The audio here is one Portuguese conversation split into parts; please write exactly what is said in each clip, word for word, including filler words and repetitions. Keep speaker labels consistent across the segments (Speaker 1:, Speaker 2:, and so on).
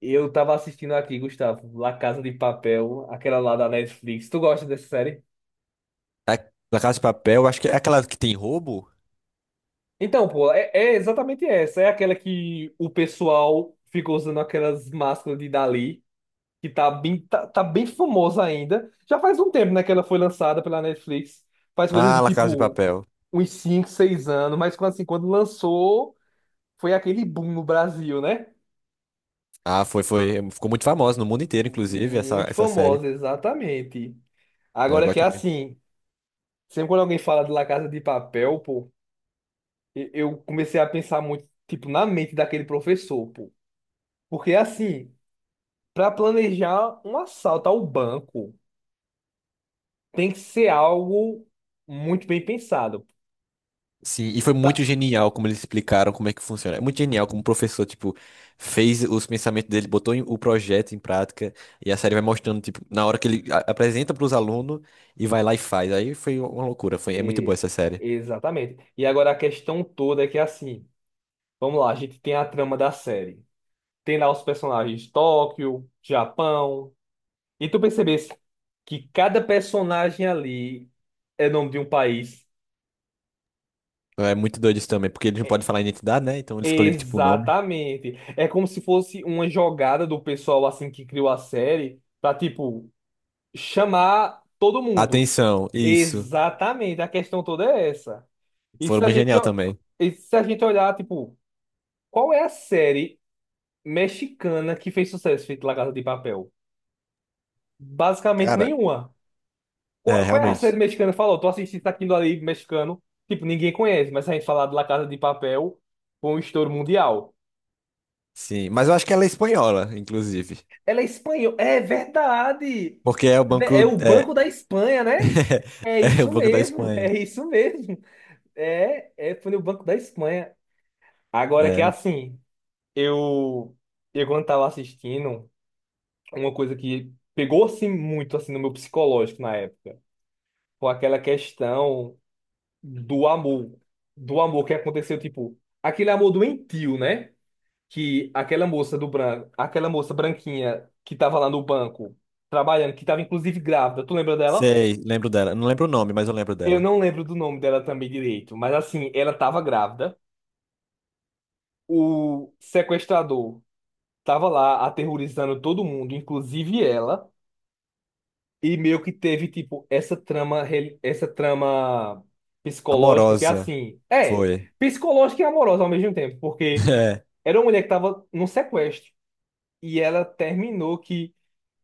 Speaker 1: Eu tava assistindo aqui, Gustavo, La Casa de Papel, aquela lá da Netflix. Tu gosta dessa série?
Speaker 2: É. La Casa de Papel, acho que é aquela que tem roubo?
Speaker 1: Então, pô, é, é exatamente essa. É aquela que o pessoal ficou usando aquelas máscaras de Dali, que tá bem, tá, tá bem famosa ainda. Já faz um tempo, né, que ela foi lançada pela Netflix. Faz coisa
Speaker 2: Ah,
Speaker 1: de
Speaker 2: La Casa de
Speaker 1: tipo
Speaker 2: Papel.
Speaker 1: uns cinco, seis anos, mas quando, assim, quando lançou, foi aquele boom no Brasil, né?
Speaker 2: Ah, foi, foi. Ficou muito famosa no mundo inteiro, inclusive, essa,
Speaker 1: Muito
Speaker 2: essa série.
Speaker 1: famosa, exatamente.
Speaker 2: Ah, eu
Speaker 1: Agora que é
Speaker 2: gosto muito.
Speaker 1: assim, sempre quando alguém fala de La Casa de Papel, pô. E- Eu comecei a pensar muito, tipo, na mente daquele professor, pô. Porque, assim, para planejar um assalto ao banco, tem que ser algo muito bem pensado.
Speaker 2: Sim, e foi muito
Speaker 1: Pra-
Speaker 2: genial como eles explicaram como é que funciona. É muito genial como o professor, tipo, fez os pensamentos dele, botou em- o projeto em prática, e a série vai mostrando, tipo, na hora que ele a- apresenta para os alunos e vai lá e faz. Aí foi uma loucura, foi, é muito boa
Speaker 1: É,
Speaker 2: essa série.
Speaker 1: exatamente. E agora a questão toda é que, assim, vamos lá, a gente tem a trama da série. Tem lá os personagens Tóquio, Japão. E tu percebesse que cada personagem ali é nome de um país.
Speaker 2: É muito doido isso também, porque eles não podem falar identidade, né? Então eles escolheram, tipo, o nome.
Speaker 1: Exatamente. É como se fosse uma jogada do pessoal assim que criou a série pra tipo chamar todo mundo.
Speaker 2: Atenção, isso.
Speaker 1: Exatamente. A questão toda é essa. E
Speaker 2: Foi
Speaker 1: se a
Speaker 2: muito
Speaker 1: gente,
Speaker 2: genial
Speaker 1: o-
Speaker 2: também.
Speaker 1: e se a gente olhar, tipo, qual é a série mexicana que fez sucesso feito La Casa de Papel? Basicamente
Speaker 2: Cara,
Speaker 1: nenhuma.
Speaker 2: é,
Speaker 1: Qual, qual é a série
Speaker 2: realmente.
Speaker 1: mexicana? Falou, tô assistindo aquilo ali mexicano. Tipo, ninguém conhece, mas se a gente falar de La Casa de Papel, foi um estouro mundial.
Speaker 2: Sim. Mas eu acho que ela é espanhola, inclusive.
Speaker 1: Ela é espanhola. É verdade.
Speaker 2: Porque é o
Speaker 1: É
Speaker 2: banco.
Speaker 1: o
Speaker 2: É,
Speaker 1: Banco da Espanha, né? É
Speaker 2: é o
Speaker 1: isso
Speaker 2: banco da
Speaker 1: mesmo,
Speaker 2: Espanha.
Speaker 1: é isso mesmo. É, é foi no Banco da Espanha. Agora que
Speaker 2: É,
Speaker 1: é assim, eu, eu quando tava assistindo, uma coisa que pegou-se muito assim no meu psicológico na época, foi aquela questão do amor, do amor que aconteceu, tipo, aquele amor doentio, né? que aquela moça do branco, aquela moça branquinha que tava lá no banco trabalhando, que tava inclusive grávida, tu lembra dela?
Speaker 2: sei, lembro dela. Não lembro o nome, mas eu lembro
Speaker 1: Eu
Speaker 2: dela.
Speaker 1: não lembro do nome dela também direito, mas assim, ela tava grávida. O sequestrador tava lá aterrorizando todo mundo, inclusive ela, e meio que teve tipo essa trama, reli- essa trama psicológica que é
Speaker 2: Amorosa.
Speaker 1: assim, é,
Speaker 2: Foi.
Speaker 1: psicológica e amorosa ao mesmo tempo, porque
Speaker 2: É.
Speaker 1: era uma mulher que tava num sequestro e ela terminou que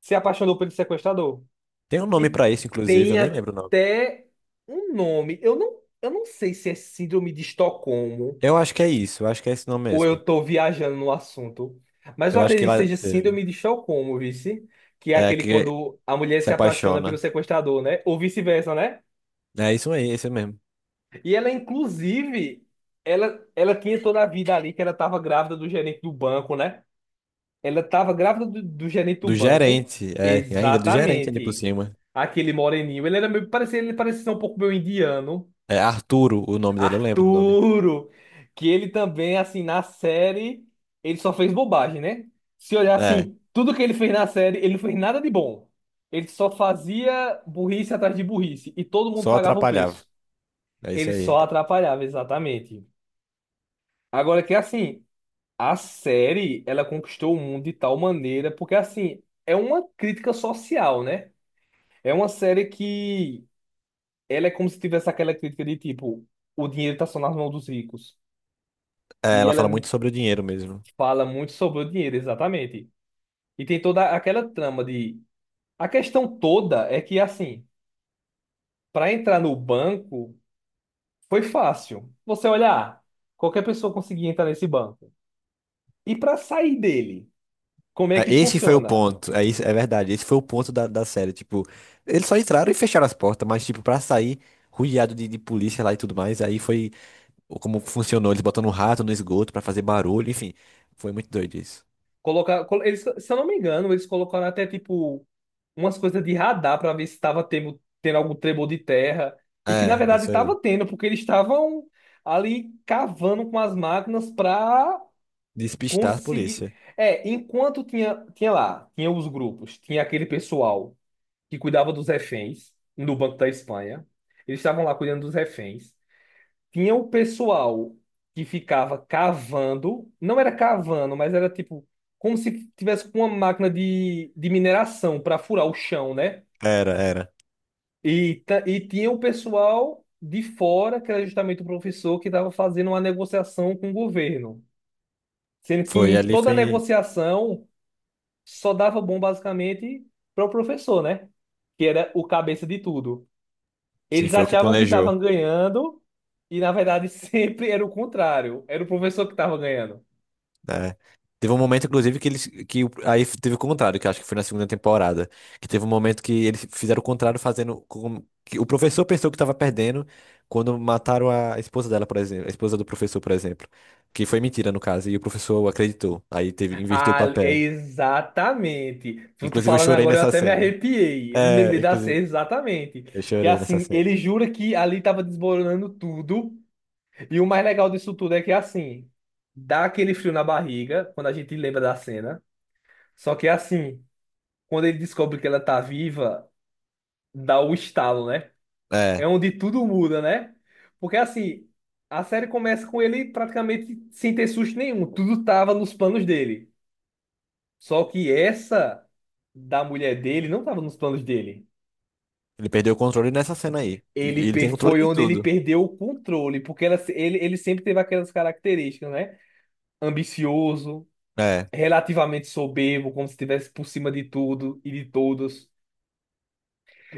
Speaker 1: se apaixonou pelo sequestrador.
Speaker 2: Tem um nome
Speaker 1: E
Speaker 2: pra isso, inclusive, eu
Speaker 1: tem
Speaker 2: nem lembro o nome.
Speaker 1: até um nome. Eu não, eu não sei se é Síndrome de Estocolmo
Speaker 2: Eu acho que é isso, eu acho que é esse nome
Speaker 1: ou
Speaker 2: mesmo.
Speaker 1: eu tô viajando no assunto. Mas eu
Speaker 2: Eu acho que
Speaker 1: acredito que
Speaker 2: lá
Speaker 1: seja
Speaker 2: teve.
Speaker 1: Síndrome de Estocolmo, vice. Que é
Speaker 2: É,
Speaker 1: aquele
Speaker 2: que
Speaker 1: quando a mulher
Speaker 2: se
Speaker 1: se apaixona pelo
Speaker 2: apaixona.
Speaker 1: sequestrador, né? Ou vice-versa, né?
Speaker 2: É isso aí, esse mesmo.
Speaker 1: E ela, inclusive, ela, ela tinha toda a vida ali que ela tava grávida do gerente do banco, né? Ela tava grávida do, do gerente do
Speaker 2: Do
Speaker 1: banco.
Speaker 2: gerente, é, e ainda do gerente ali por
Speaker 1: Exatamente.
Speaker 2: cima.
Speaker 1: Aquele moreninho. Ele era meio, parecia, ele parecia ser um pouco meio indiano.
Speaker 2: É Arturo o nome dele, eu lembro do nome.
Speaker 1: Arturo, que ele também, assim, na série, ele só fez bobagem, né? Se olhar
Speaker 2: É,
Speaker 1: assim, tudo que ele fez na série, ele não fez nada de bom. Ele só fazia burrice atrás de burrice e todo mundo
Speaker 2: só
Speaker 1: pagava o
Speaker 2: atrapalhava.
Speaker 1: preço.
Speaker 2: É isso
Speaker 1: Ele
Speaker 2: aí.
Speaker 1: só atrapalhava, exatamente. Agora que assim, a série, ela conquistou o mundo de tal maneira, porque assim, é uma crítica social, né? É uma série que ela é como se tivesse aquela crítica de tipo, o dinheiro tá só nas mãos dos ricos.
Speaker 2: É,
Speaker 1: E
Speaker 2: ela
Speaker 1: ela é
Speaker 2: fala muito sobre o dinheiro mesmo.
Speaker 1: Fala muito sobre o dinheiro, exatamente. E tem toda aquela trama de. A questão toda é que, assim, para entrar no banco foi fácil. Você olhar, qualquer pessoa conseguia entrar nesse banco. E para sair dele, como é
Speaker 2: É,
Speaker 1: que
Speaker 2: esse foi o
Speaker 1: funciona?
Speaker 2: ponto. É, isso, é verdade. Esse foi o ponto da, da série. Tipo, eles só entraram e fecharam as portas, mas, tipo, pra sair rodeado de, de polícia lá e tudo mais, aí foi como funcionou. Eles botando um rato no esgoto pra fazer barulho, enfim. Foi muito doido isso.
Speaker 1: Colocar, col- eles, se eu não me engano, eles colocaram até, tipo, umas coisas de radar para ver se estava tendo, tendo algum tremor de terra. E que, na
Speaker 2: É,
Speaker 1: verdade,
Speaker 2: isso aí.
Speaker 1: estava tendo, porque eles estavam ali cavando com as máquinas para
Speaker 2: Despistar a
Speaker 1: Consegui.
Speaker 2: polícia.
Speaker 1: É, enquanto tinha, tinha lá, tinha os grupos, tinha aquele pessoal que cuidava dos reféns no Banco da Espanha. Eles estavam lá cuidando dos reféns. Tinha o pessoal que ficava cavando, não era cavando, mas era tipo como se tivesse com uma máquina de, de mineração para furar o chão, né?
Speaker 2: Era, era.
Speaker 1: E, ta- e tinha o pessoal de fora, que era justamente o professor que estava fazendo uma negociação com o governo. Sendo que
Speaker 2: Foi
Speaker 1: em
Speaker 2: ali,
Speaker 1: toda
Speaker 2: foi.
Speaker 1: negociação só dava bom basicamente para o professor, né? Que era o cabeça de tudo.
Speaker 2: Sim,
Speaker 1: Eles
Speaker 2: foi o que
Speaker 1: achavam que
Speaker 2: planejou.
Speaker 1: estavam ganhando e na verdade sempre era o contrário. Era o professor que estava ganhando.
Speaker 2: Né? Teve um momento, inclusive, que eles. Que, o- aí teve o contrário, que eu acho que foi na segunda temporada. Que teve um momento que eles fizeram o contrário, fazendo. Com, que o professor pensou que estava perdendo quando mataram a esposa dela, por exemplo. A esposa do professor, por exemplo. Que foi mentira, no caso. E o professor acreditou. Aí teve, inverteu o
Speaker 1: Ah,
Speaker 2: papel.
Speaker 1: exatamente. Tu tu
Speaker 2: Inclusive, eu
Speaker 1: falando
Speaker 2: chorei
Speaker 1: agora eu
Speaker 2: nessa
Speaker 1: até me
Speaker 2: cena.
Speaker 1: arrepiei. Eu me
Speaker 2: É,
Speaker 1: lembrei da cena
Speaker 2: inclusive,
Speaker 1: exatamente.
Speaker 2: eu
Speaker 1: Que
Speaker 2: chorei nessa
Speaker 1: assim,
Speaker 2: cena.
Speaker 1: ele jura que ali estava desmoronando tudo. E o mais legal disso tudo é que assim, dá aquele frio na barriga quando a gente lembra da cena. Só que assim, quando ele descobre que ela tá viva, dá o estalo, né? É
Speaker 2: É.
Speaker 1: onde tudo muda, né? Porque assim, a série começa com ele praticamente sem ter susto nenhum, tudo tava nos planos dele. Só que essa da mulher dele não tava nos planos dele.
Speaker 2: Ele perdeu o controle nessa cena aí. E-
Speaker 1: Ele
Speaker 2: Ele
Speaker 1: pe-
Speaker 2: tem controle
Speaker 1: foi
Speaker 2: de
Speaker 1: onde ele
Speaker 2: tudo.
Speaker 1: perdeu o controle, porque ela, se- ele, ele sempre teve aquelas características, né? Ambicioso,
Speaker 2: É.
Speaker 1: relativamente soberbo, como se estivesse por cima de tudo e de todos.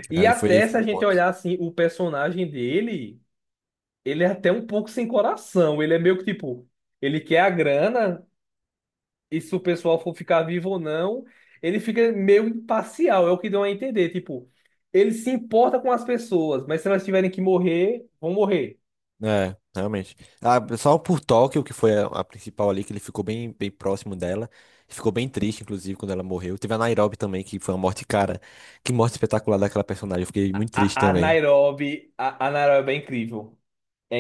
Speaker 1: E
Speaker 2: Ali foi,
Speaker 1: até se
Speaker 2: foi
Speaker 1: a
Speaker 2: o
Speaker 1: gente
Speaker 2: ponto.
Speaker 1: olhar assim o personagem dele. Ele é até um pouco sem coração. Ele é meio que tipo, ele quer a grana, e se o pessoal for ficar vivo ou não, ele fica meio imparcial, é o que deu a entender. Tipo, ele se importa com as pessoas, mas se elas tiverem que morrer, vão morrer.
Speaker 2: É, realmente. Ah, só por Tóquio, que foi a, a principal ali, que ele ficou bem, bem próximo dela. Ficou bem triste, inclusive, quando ela morreu. Teve a Nairobi também, que foi uma morte, cara. Que morte espetacular daquela personagem. Eu fiquei muito triste
Speaker 1: A, a
Speaker 2: também.
Speaker 1: Nairobi, a, a Nairobi é incrível.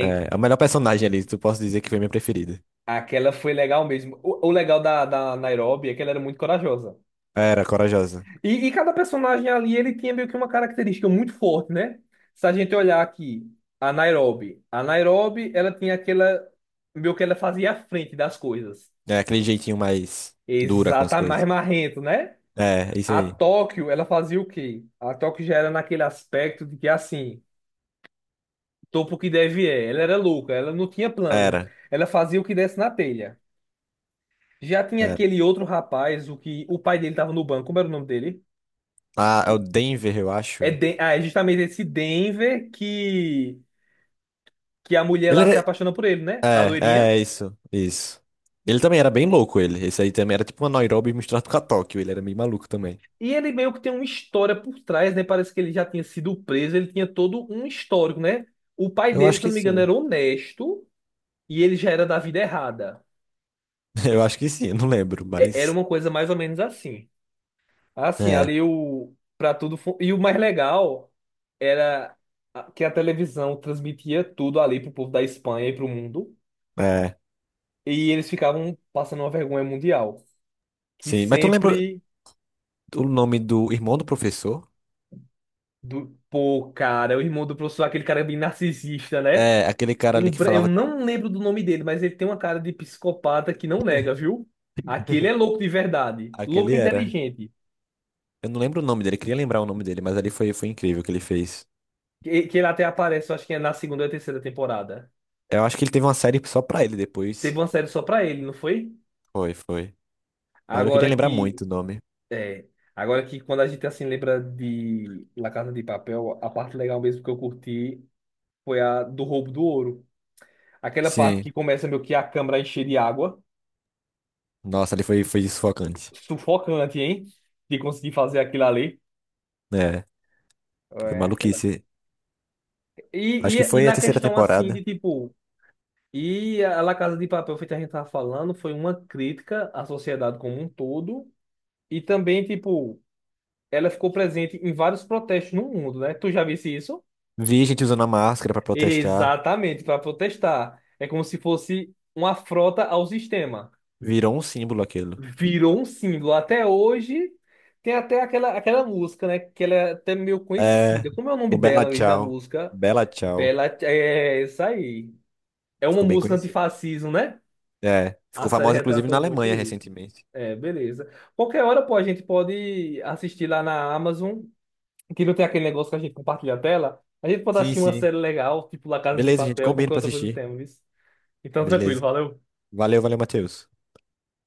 Speaker 2: É, a melhor personagem ali, tu posso dizer que foi minha preferida.
Speaker 1: Aquela foi legal mesmo. O, o legal da, da Nairobi é que ela era muito corajosa.
Speaker 2: Era, corajosa.
Speaker 1: E, e cada personagem ali, ele tinha meio que uma característica muito forte, né? Se a gente olhar aqui, a Nairobi. A Nairobi, ela tinha aquela. Meio que ela fazia a frente das coisas.
Speaker 2: É, aquele jeitinho mais dura com as
Speaker 1: Exatamente,
Speaker 2: coisas.
Speaker 1: mais marrento, né?
Speaker 2: É, isso
Speaker 1: A
Speaker 2: aí.
Speaker 1: Tóquio, ela fazia o quê? A Tóquio já era naquele aspecto de que, assim, topo que deve é. Ela era louca, ela não tinha plano.
Speaker 2: Era.
Speaker 1: Ela fazia o que desse na telha. Já tinha
Speaker 2: Era.
Speaker 1: aquele outro rapaz, o que o pai dele tava no banco. Como era o nome dele?
Speaker 2: Ah, é o
Speaker 1: Que-
Speaker 2: Denver, eu
Speaker 1: É,
Speaker 2: acho.
Speaker 1: Den- ah, é justamente esse Denver que... que a mulher
Speaker 2: Ele
Speaker 1: lá se
Speaker 2: era.
Speaker 1: apaixona por ele, né? A
Speaker 2: É, é
Speaker 1: loirinha.
Speaker 2: é isso, isso. Ele também era bem louco, ele. Esse aí também era tipo uma Nairobi misturado com a Tóquio. Ele era meio maluco também.
Speaker 1: E ele meio que tem uma história por trás, né? Parece que ele já tinha sido preso, ele tinha todo um histórico, né? O pai
Speaker 2: Eu
Speaker 1: dele,
Speaker 2: acho
Speaker 1: se eu
Speaker 2: que
Speaker 1: não me engano,
Speaker 2: sim.
Speaker 1: era honesto e ele já era da vida errada.
Speaker 2: Eu acho que sim, eu não lembro,
Speaker 1: É- era
Speaker 2: mas.
Speaker 1: uma coisa mais ou menos assim. Assim,
Speaker 2: É,
Speaker 1: ali o. Pra tudo. fu- E o mais legal era a- que a televisão transmitia tudo ali pro povo da Espanha e pro mundo.
Speaker 2: é.
Speaker 1: E eles ficavam passando uma vergonha mundial. Que
Speaker 2: Sim, mas tu lembra
Speaker 1: sempre.
Speaker 2: o nome do irmão do professor?
Speaker 1: Do. Pô, cara, o irmão do professor, aquele cara bem narcisista, né?
Speaker 2: É, aquele cara ali
Speaker 1: Um...
Speaker 2: que
Speaker 1: bra- Eu
Speaker 2: falava.
Speaker 1: não lembro do nome dele, mas ele tem uma cara de psicopata que não nega, viu? Aquele é louco de verdade.
Speaker 2: Aquele
Speaker 1: Louco e
Speaker 2: era.
Speaker 1: inteligente.
Speaker 2: Eu não lembro o nome dele, queria lembrar o nome dele, mas ali foi, foi incrível o que ele fez.
Speaker 1: Que, que ele até aparece, eu acho que é na segunda ou terceira temporada.
Speaker 2: Eu acho que ele teve uma série só pra ele
Speaker 1: Teve
Speaker 2: depois.
Speaker 1: uma série só pra ele, não foi?
Speaker 2: Foi, foi. Mas eu queria
Speaker 1: Agora
Speaker 2: lembrar
Speaker 1: que.
Speaker 2: muito o nome.
Speaker 1: É. Agora que quando a gente assim lembra de La Casa de Papel, a parte legal mesmo que eu curti foi a do roubo do ouro. Aquela parte
Speaker 2: Sim.
Speaker 1: que começa meio que a câmera a encher de água.
Speaker 2: Nossa, ali foi, foi sufocante.
Speaker 1: Sufocante, hein? De conseguir fazer aquilo ali.
Speaker 2: É, foi
Speaker 1: É, aquela.
Speaker 2: maluquice. Acho
Speaker 1: E,
Speaker 2: que
Speaker 1: e, e
Speaker 2: foi a
Speaker 1: na
Speaker 2: terceira
Speaker 1: questão assim
Speaker 2: temporada.
Speaker 1: de tipo, e a La Casa de Papel, feito a gente tava falando, foi uma crítica à sociedade como um todo, e também, tipo, ela ficou presente em vários protestos no mundo, né? Tu já visse isso?
Speaker 2: Vi gente usando a máscara pra protestar.
Speaker 1: Exatamente, para protestar. É como se fosse uma afronta ao sistema.
Speaker 2: Virou um símbolo aquilo.
Speaker 1: Virou um símbolo. Até hoje tem até aquela, aquela música, né? Que ela é até meio
Speaker 2: É,
Speaker 1: conhecida. Como é o nome
Speaker 2: o Bella
Speaker 1: dela mesmo na
Speaker 2: Ciao.
Speaker 1: música?
Speaker 2: Bella Ciao.
Speaker 1: Pela. É isso aí. É uma
Speaker 2: Ficou bem
Speaker 1: música
Speaker 2: conhecido.
Speaker 1: antifascismo, né?
Speaker 2: É,
Speaker 1: A
Speaker 2: ficou
Speaker 1: série
Speaker 2: famosa inclusive na
Speaker 1: retratou
Speaker 2: Alemanha
Speaker 1: muito isso.
Speaker 2: recentemente.
Speaker 1: É, beleza. Qualquer hora, pô, a gente pode assistir lá na Amazon, que não tem aquele negócio que a gente compartilha a tela. A gente pode
Speaker 2: Sim,
Speaker 1: assistir uma
Speaker 2: sim.
Speaker 1: série legal, tipo La Casa de
Speaker 2: Beleza, gente,
Speaker 1: Papel,
Speaker 2: combina
Speaker 1: qualquer
Speaker 2: pra
Speaker 1: outra coisa do
Speaker 2: assistir.
Speaker 1: tema, viu? Então, tranquilo,
Speaker 2: Beleza.
Speaker 1: valeu.
Speaker 2: Valeu, valeu, Matheus.